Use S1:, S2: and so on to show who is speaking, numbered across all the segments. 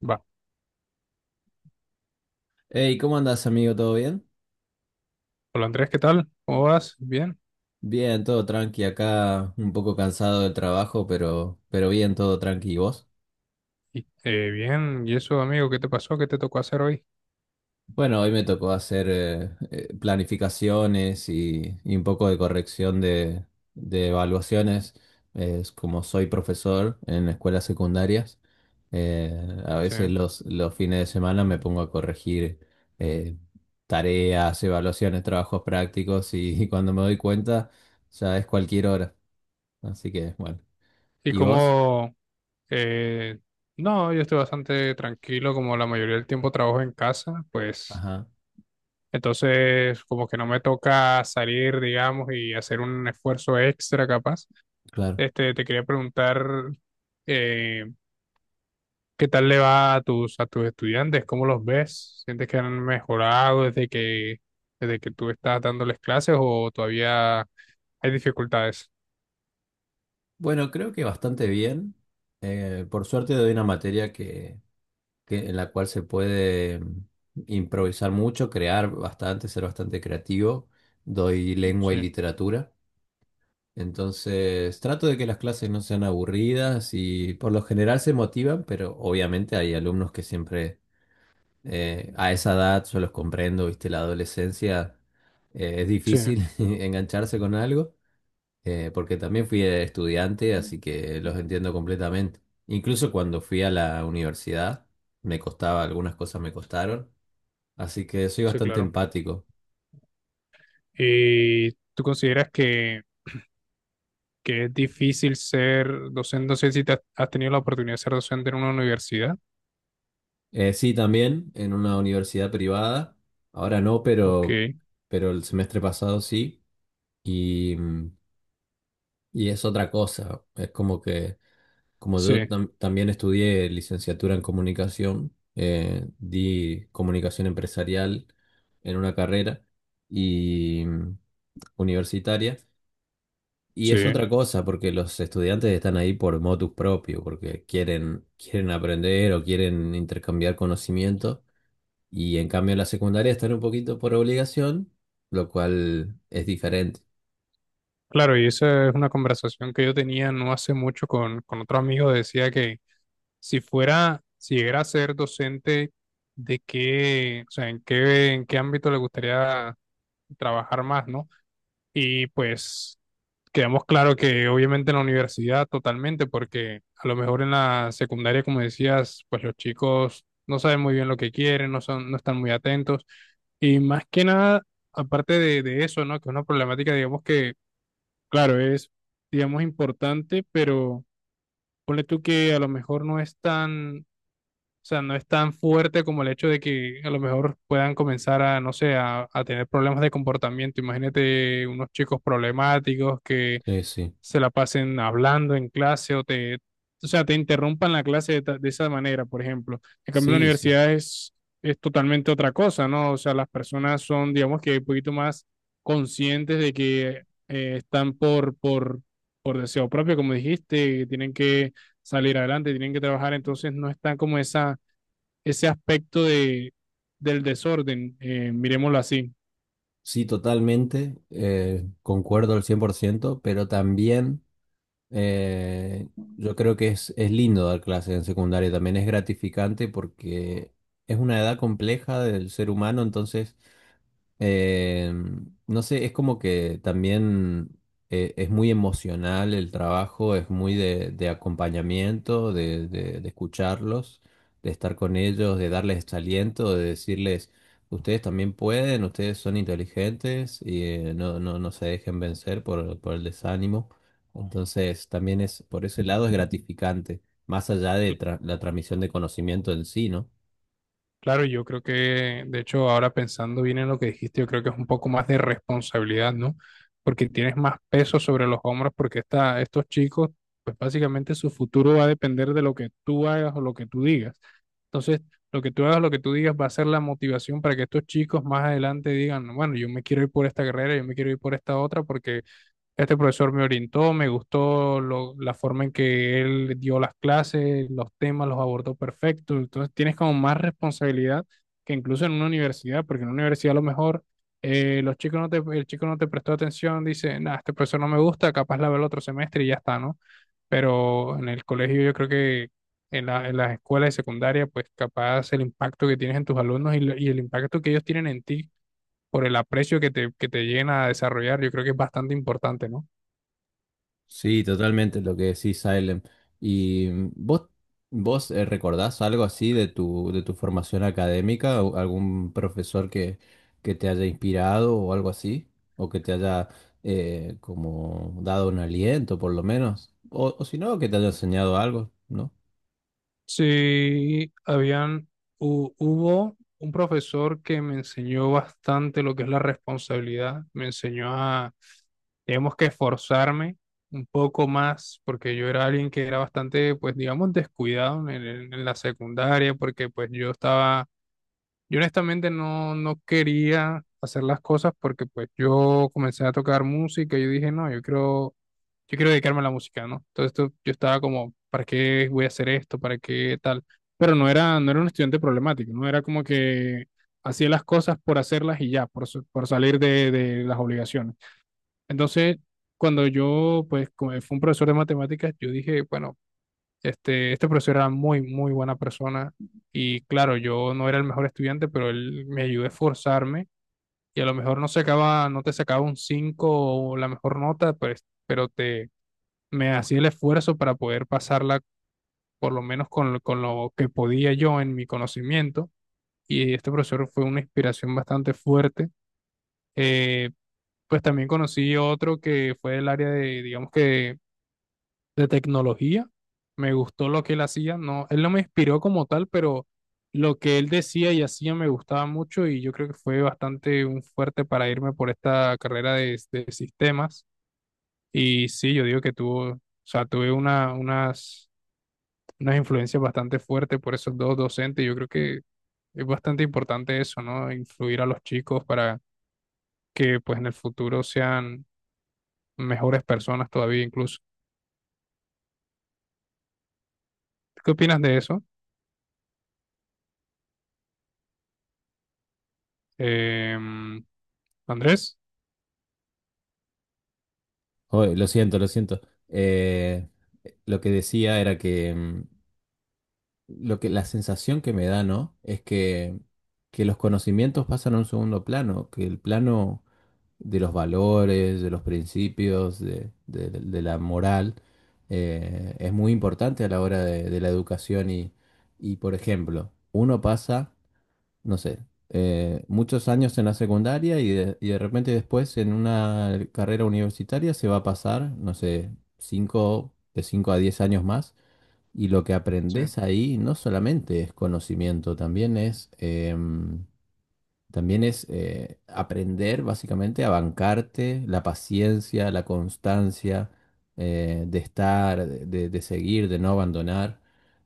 S1: Va.
S2: Hey, ¿cómo andas, amigo? ¿Todo bien?
S1: Hola Andrés, ¿qué tal? ¿Cómo vas? Bien.
S2: Bien, todo tranqui acá, un poco cansado del trabajo, pero bien, todo tranqui. ¿Y vos?
S1: Bien, ¿y eso, amigo? ¿Qué te pasó? ¿Qué te tocó hacer hoy?
S2: Bueno, hoy me tocó hacer planificaciones y un poco de corrección de evaluaciones. Es como soy profesor en escuelas secundarias, a
S1: Sí.
S2: veces los fines de semana me pongo a corregir eh, tareas, evaluaciones, trabajos prácticos y cuando me doy cuenta ya es cualquier hora. Así que, bueno.
S1: ¿Y
S2: ¿Y vos?
S1: cómo? eh, no, yo estoy bastante tranquilo, como la mayoría del tiempo trabajo en casa, pues
S2: Ajá,
S1: entonces como que no me toca salir, digamos, y hacer un esfuerzo extra capaz.
S2: claro.
S1: Este, te quería preguntar, eh, ¿qué tal le va a tus estudiantes? ¿Cómo los ves? ¿Sientes que han mejorado desde que tú estás dándoles clases o todavía hay dificultades?
S2: Bueno, creo que bastante bien. Por suerte doy una materia en la cual se puede improvisar mucho, crear bastante, ser bastante creativo. Doy lengua
S1: Sí,
S2: y literatura. Entonces, trato de que las clases no sean aburridas y por lo general se motivan, pero obviamente hay alumnos que siempre a esa edad, yo los comprendo, viste, la adolescencia es
S1: sí,
S2: difícil engancharse con algo. Porque también fui estudiante, así que los entiendo completamente. Incluso cuando fui a la universidad, me costaba, algunas cosas me costaron, así que soy
S1: sí,
S2: bastante
S1: claro.
S2: empático.
S1: ¿Y tú consideras que es difícil ser docente? No sé si te has, has tenido la oportunidad de ser docente en una universidad.
S2: Sí, también en una universidad privada, ahora no,
S1: Ok,
S2: pero el semestre pasado sí, y, mm, y es otra cosa, es como que, como
S1: sí,
S2: yo también estudié licenciatura en comunicación, di comunicación empresarial en una carrera. Y universitaria. Y
S1: sí.
S2: es otra cosa, porque los estudiantes están ahí por motus propio, porque quieren, quieren aprender o quieren intercambiar conocimiento. Y en cambio en la secundaria están un poquito por obligación, lo cual es diferente.
S1: Claro, y esa es una conversación que yo tenía no hace mucho con otro amigo. Decía que si fuera, si llegara a ser docente, ¿de qué, o sea, en qué ámbito le gustaría trabajar más? ¿No? Y pues quedamos claro que obviamente en la universidad totalmente, porque a lo mejor en la secundaria, como decías, pues los chicos no saben muy bien lo que quieren, no son, no están muy atentos. Y más que nada, aparte de eso, ¿no? Que es una problemática, digamos que, claro, es, digamos, importante, pero ponle tú que a lo mejor no es tan o sea, no es tan fuerte como el hecho de que a lo mejor puedan comenzar a, no sé, a tener problemas de comportamiento. Imagínate unos chicos problemáticos que
S2: Sí, sí.
S1: se la pasen hablando en clase o te, o sea, te interrumpan la clase de, de esa manera, por ejemplo. En cambio, la
S2: Sí, sí.
S1: universidad es totalmente otra cosa, ¿no? O sea, las personas son, digamos que un poquito más conscientes de que están por deseo propio, como dijiste, que tienen que salir adelante, tienen que trabajar, entonces no están como esa ese aspecto de, del desorden, miremoslo así.
S2: Sí, totalmente. Concuerdo al 100%, pero también eh, yo creo que es lindo dar clases en secundaria. También es gratificante porque es una edad compleja del ser humano. Entonces Eh, no sé, es como que también es muy emocional el trabajo, es muy de acompañamiento, de escucharlos, de estar con ellos, de darles este aliento, de decirles, ustedes también pueden, ustedes son inteligentes y no, no, no se dejen vencer por el desánimo. Entonces, también es, por ese lado es gratificante, más allá de la transmisión de conocimiento en sí, ¿no?
S1: Claro, yo creo que, de hecho, ahora pensando bien en lo que dijiste, yo creo que es un poco más de responsabilidad, ¿no? Porque tienes más peso sobre los hombros, porque esta, estos chicos, pues básicamente su futuro va a depender de lo que tú hagas o lo que tú digas. Entonces, lo que tú hagas, lo que tú digas, va a ser la motivación para que estos chicos más adelante digan, bueno, yo me quiero ir por esta carrera, yo me quiero ir por esta otra, porque este profesor me orientó, me gustó la forma en que él dio las clases, los temas los abordó perfecto. Entonces tienes como más responsabilidad que incluso en una universidad, porque en una universidad a lo mejor los chicos no te, el chico no te prestó atención, dice, nah, este profesor no me gusta, capaz la veo el otro semestre y ya está, ¿no? Pero en el colegio yo creo que en la, en las escuelas de secundaria, pues capaz el impacto que tienes en tus alumnos y, y el impacto que ellos tienen en ti por el aprecio que te lleguen a desarrollar, yo creo que es bastante importante, ¿no?
S2: Sí, totalmente lo que decís, Silent. ¿Y vos, recordás algo así de tu formación académica? ¿O algún profesor que te haya inspirado o algo así? ¿O que te haya como dado un aliento, por lo menos? O si no, que te haya enseñado algo, ¿no?
S1: Sí, habían, hubo un profesor que me enseñó bastante lo que es la responsabilidad, me enseñó a, digamos que esforzarme un poco más, porque yo era alguien que era bastante, pues digamos, descuidado en, en la secundaria, porque pues yo estaba yo honestamente no, no quería hacer las cosas porque pues yo comencé a tocar música y yo dije, no, yo quiero dedicarme a la música, ¿no? Yo estaba como, ¿para qué voy a hacer esto? ¿Para qué tal? Pero no era, no era un estudiante problemático, no era como que hacía las cosas por hacerlas y ya, por, por salir de las obligaciones. Entonces, cuando yo, pues, como fue un profesor de matemáticas, yo dije, bueno, este profesor era muy, muy buena persona y claro, yo no era el mejor estudiante, pero él me ayudó a esforzarme y a lo mejor no sacaba, no te sacaba un 5 o la mejor nota, pues, pero te, me hacía el esfuerzo para poder pasarla por lo menos con, con lo que podía yo en mi conocimiento y este profesor fue una inspiración bastante fuerte. Eh, pues también conocí otro que fue del área de, digamos que de tecnología. Me gustó lo que él hacía. No, él no me inspiró como tal, pero lo que él decía y hacía me gustaba mucho y yo creo que fue bastante un fuerte para irme por esta carrera de sistemas. Y sí, yo digo que tuvo, o sea, tuve una, unas, unas influencias bastante fuertes por esos dos docentes. Yo creo que es bastante importante eso, ¿no? Influir a los chicos para que pues en el futuro sean mejores personas todavía incluso. ¿Qué opinas de eso? Em, Andrés,
S2: Oye, lo siento, lo siento. Eh, lo que decía era que, lo que la sensación que me da, ¿no? Es que, los conocimientos pasan a un segundo plano, que el plano de los valores, de los principios, de la moral, es muy importante a la hora de la educación y, por ejemplo, uno pasa, no sé, muchos años en la secundaria y de repente después en una carrera universitaria se va a pasar, no sé, cinco, de 5 a 10 años más. Y lo que
S1: sí,
S2: aprendes ahí no solamente es conocimiento, también es aprender básicamente a bancarte la paciencia, la constancia de estar, de seguir, de no abandonar,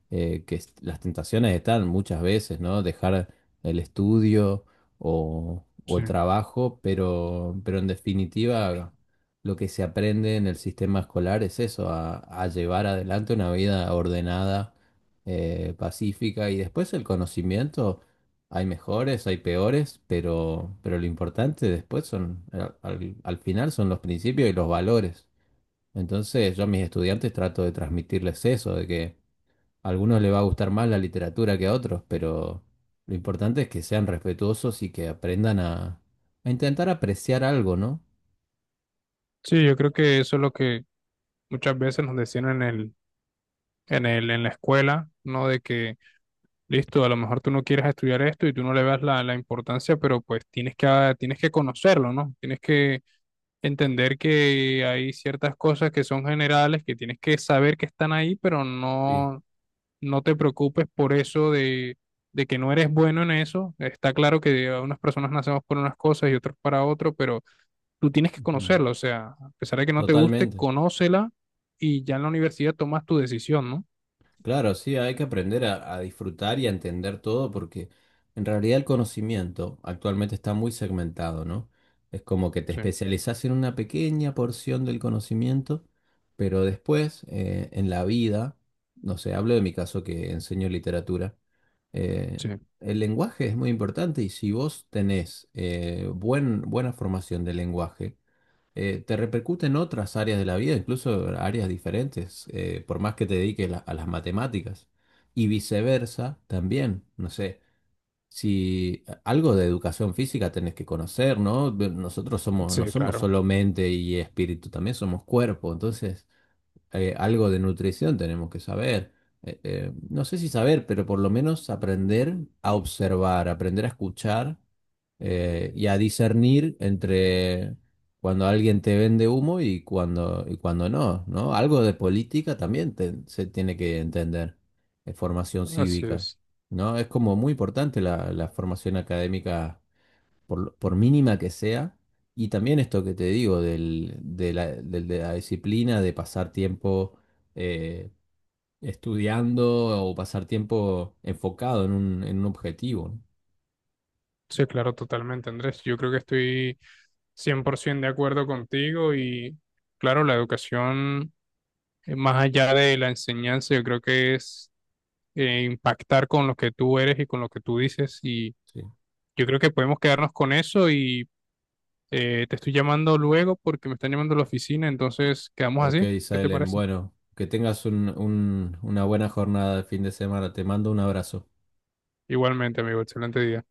S2: las tentaciones están muchas veces, ¿no? Dejar el estudio o
S1: sí.
S2: el trabajo, pero en definitiva lo que se aprende en el sistema escolar es eso, a llevar adelante una vida ordenada, pacífica y después el conocimiento. Hay mejores, hay peores, pero lo importante después son, al final son los principios y los valores. Entonces yo a mis estudiantes trato de transmitirles eso, de que a algunos les va a gustar más la literatura que a otros, pero lo importante es que sean respetuosos y que aprendan a intentar apreciar algo, ¿no?
S1: Sí, yo creo que eso es lo que muchas veces nos decían en el, en el, en la escuela, ¿no? De que, listo, a lo mejor tú no quieres estudiar esto y tú no le das la, la importancia, pero pues tienes que, ah, tienes que conocerlo, ¿no? Tienes que entender que hay ciertas cosas que son generales, que tienes que saber que están ahí, pero
S2: Sí.
S1: no, no te preocupes por eso de que no eres bueno en eso. Está claro que unas personas nacemos por unas cosas y otros para otro, pero tú tienes que
S2: Ujú.
S1: conocerla, o sea, a pesar de que no te guste,
S2: Totalmente.
S1: conócela y ya en la universidad tomas tu decisión, ¿no?
S2: Claro, sí, hay que aprender a disfrutar y a entender todo porque en realidad el conocimiento actualmente está muy segmentado, ¿no? Es como que te
S1: Sí,
S2: especializas en una pequeña porción del conocimiento, pero después en la vida, no sé, hablo de mi caso que enseño literatura, eh,
S1: sí,
S2: el lenguaje es muy importante y si vos tenés buena formación del lenguaje, te repercute en otras áreas de la vida, incluso áreas diferentes, por más que te dediques a las matemáticas. Y viceversa también, no sé, si algo de educación física tenés que conocer, ¿no? Nosotros somos, no
S1: sí,
S2: somos
S1: claro,
S2: solo mente y espíritu, también somos cuerpo, entonces algo de nutrición tenemos que saber. No sé si saber, pero por lo menos aprender a observar, aprender a escuchar y a discernir entre cuando alguien te vende humo y y cuando no, ¿no? Algo de política también se tiene que entender, formación
S1: así
S2: cívica,
S1: es.
S2: ¿no? Es como muy importante la formación académica por mínima que sea, y también esto que te digo de la disciplina de pasar tiempo eh, estudiando o pasar tiempo enfocado en en un objetivo, ¿no?
S1: Sí, claro, totalmente, Andrés. Yo creo que estoy 100% de acuerdo contigo y claro, la educación, más allá de la enseñanza, yo creo que es impactar con lo que tú eres y con lo que tú dices y
S2: Sí.
S1: yo creo que podemos quedarnos con eso y te estoy llamando luego porque me están llamando a la oficina, entonces quedamos
S2: Ok,
S1: así. ¿Qué te
S2: Salem,
S1: parece?
S2: bueno, que tengas una buena jornada de fin de semana. Te mando un abrazo.
S1: Igualmente, amigo, excelente día.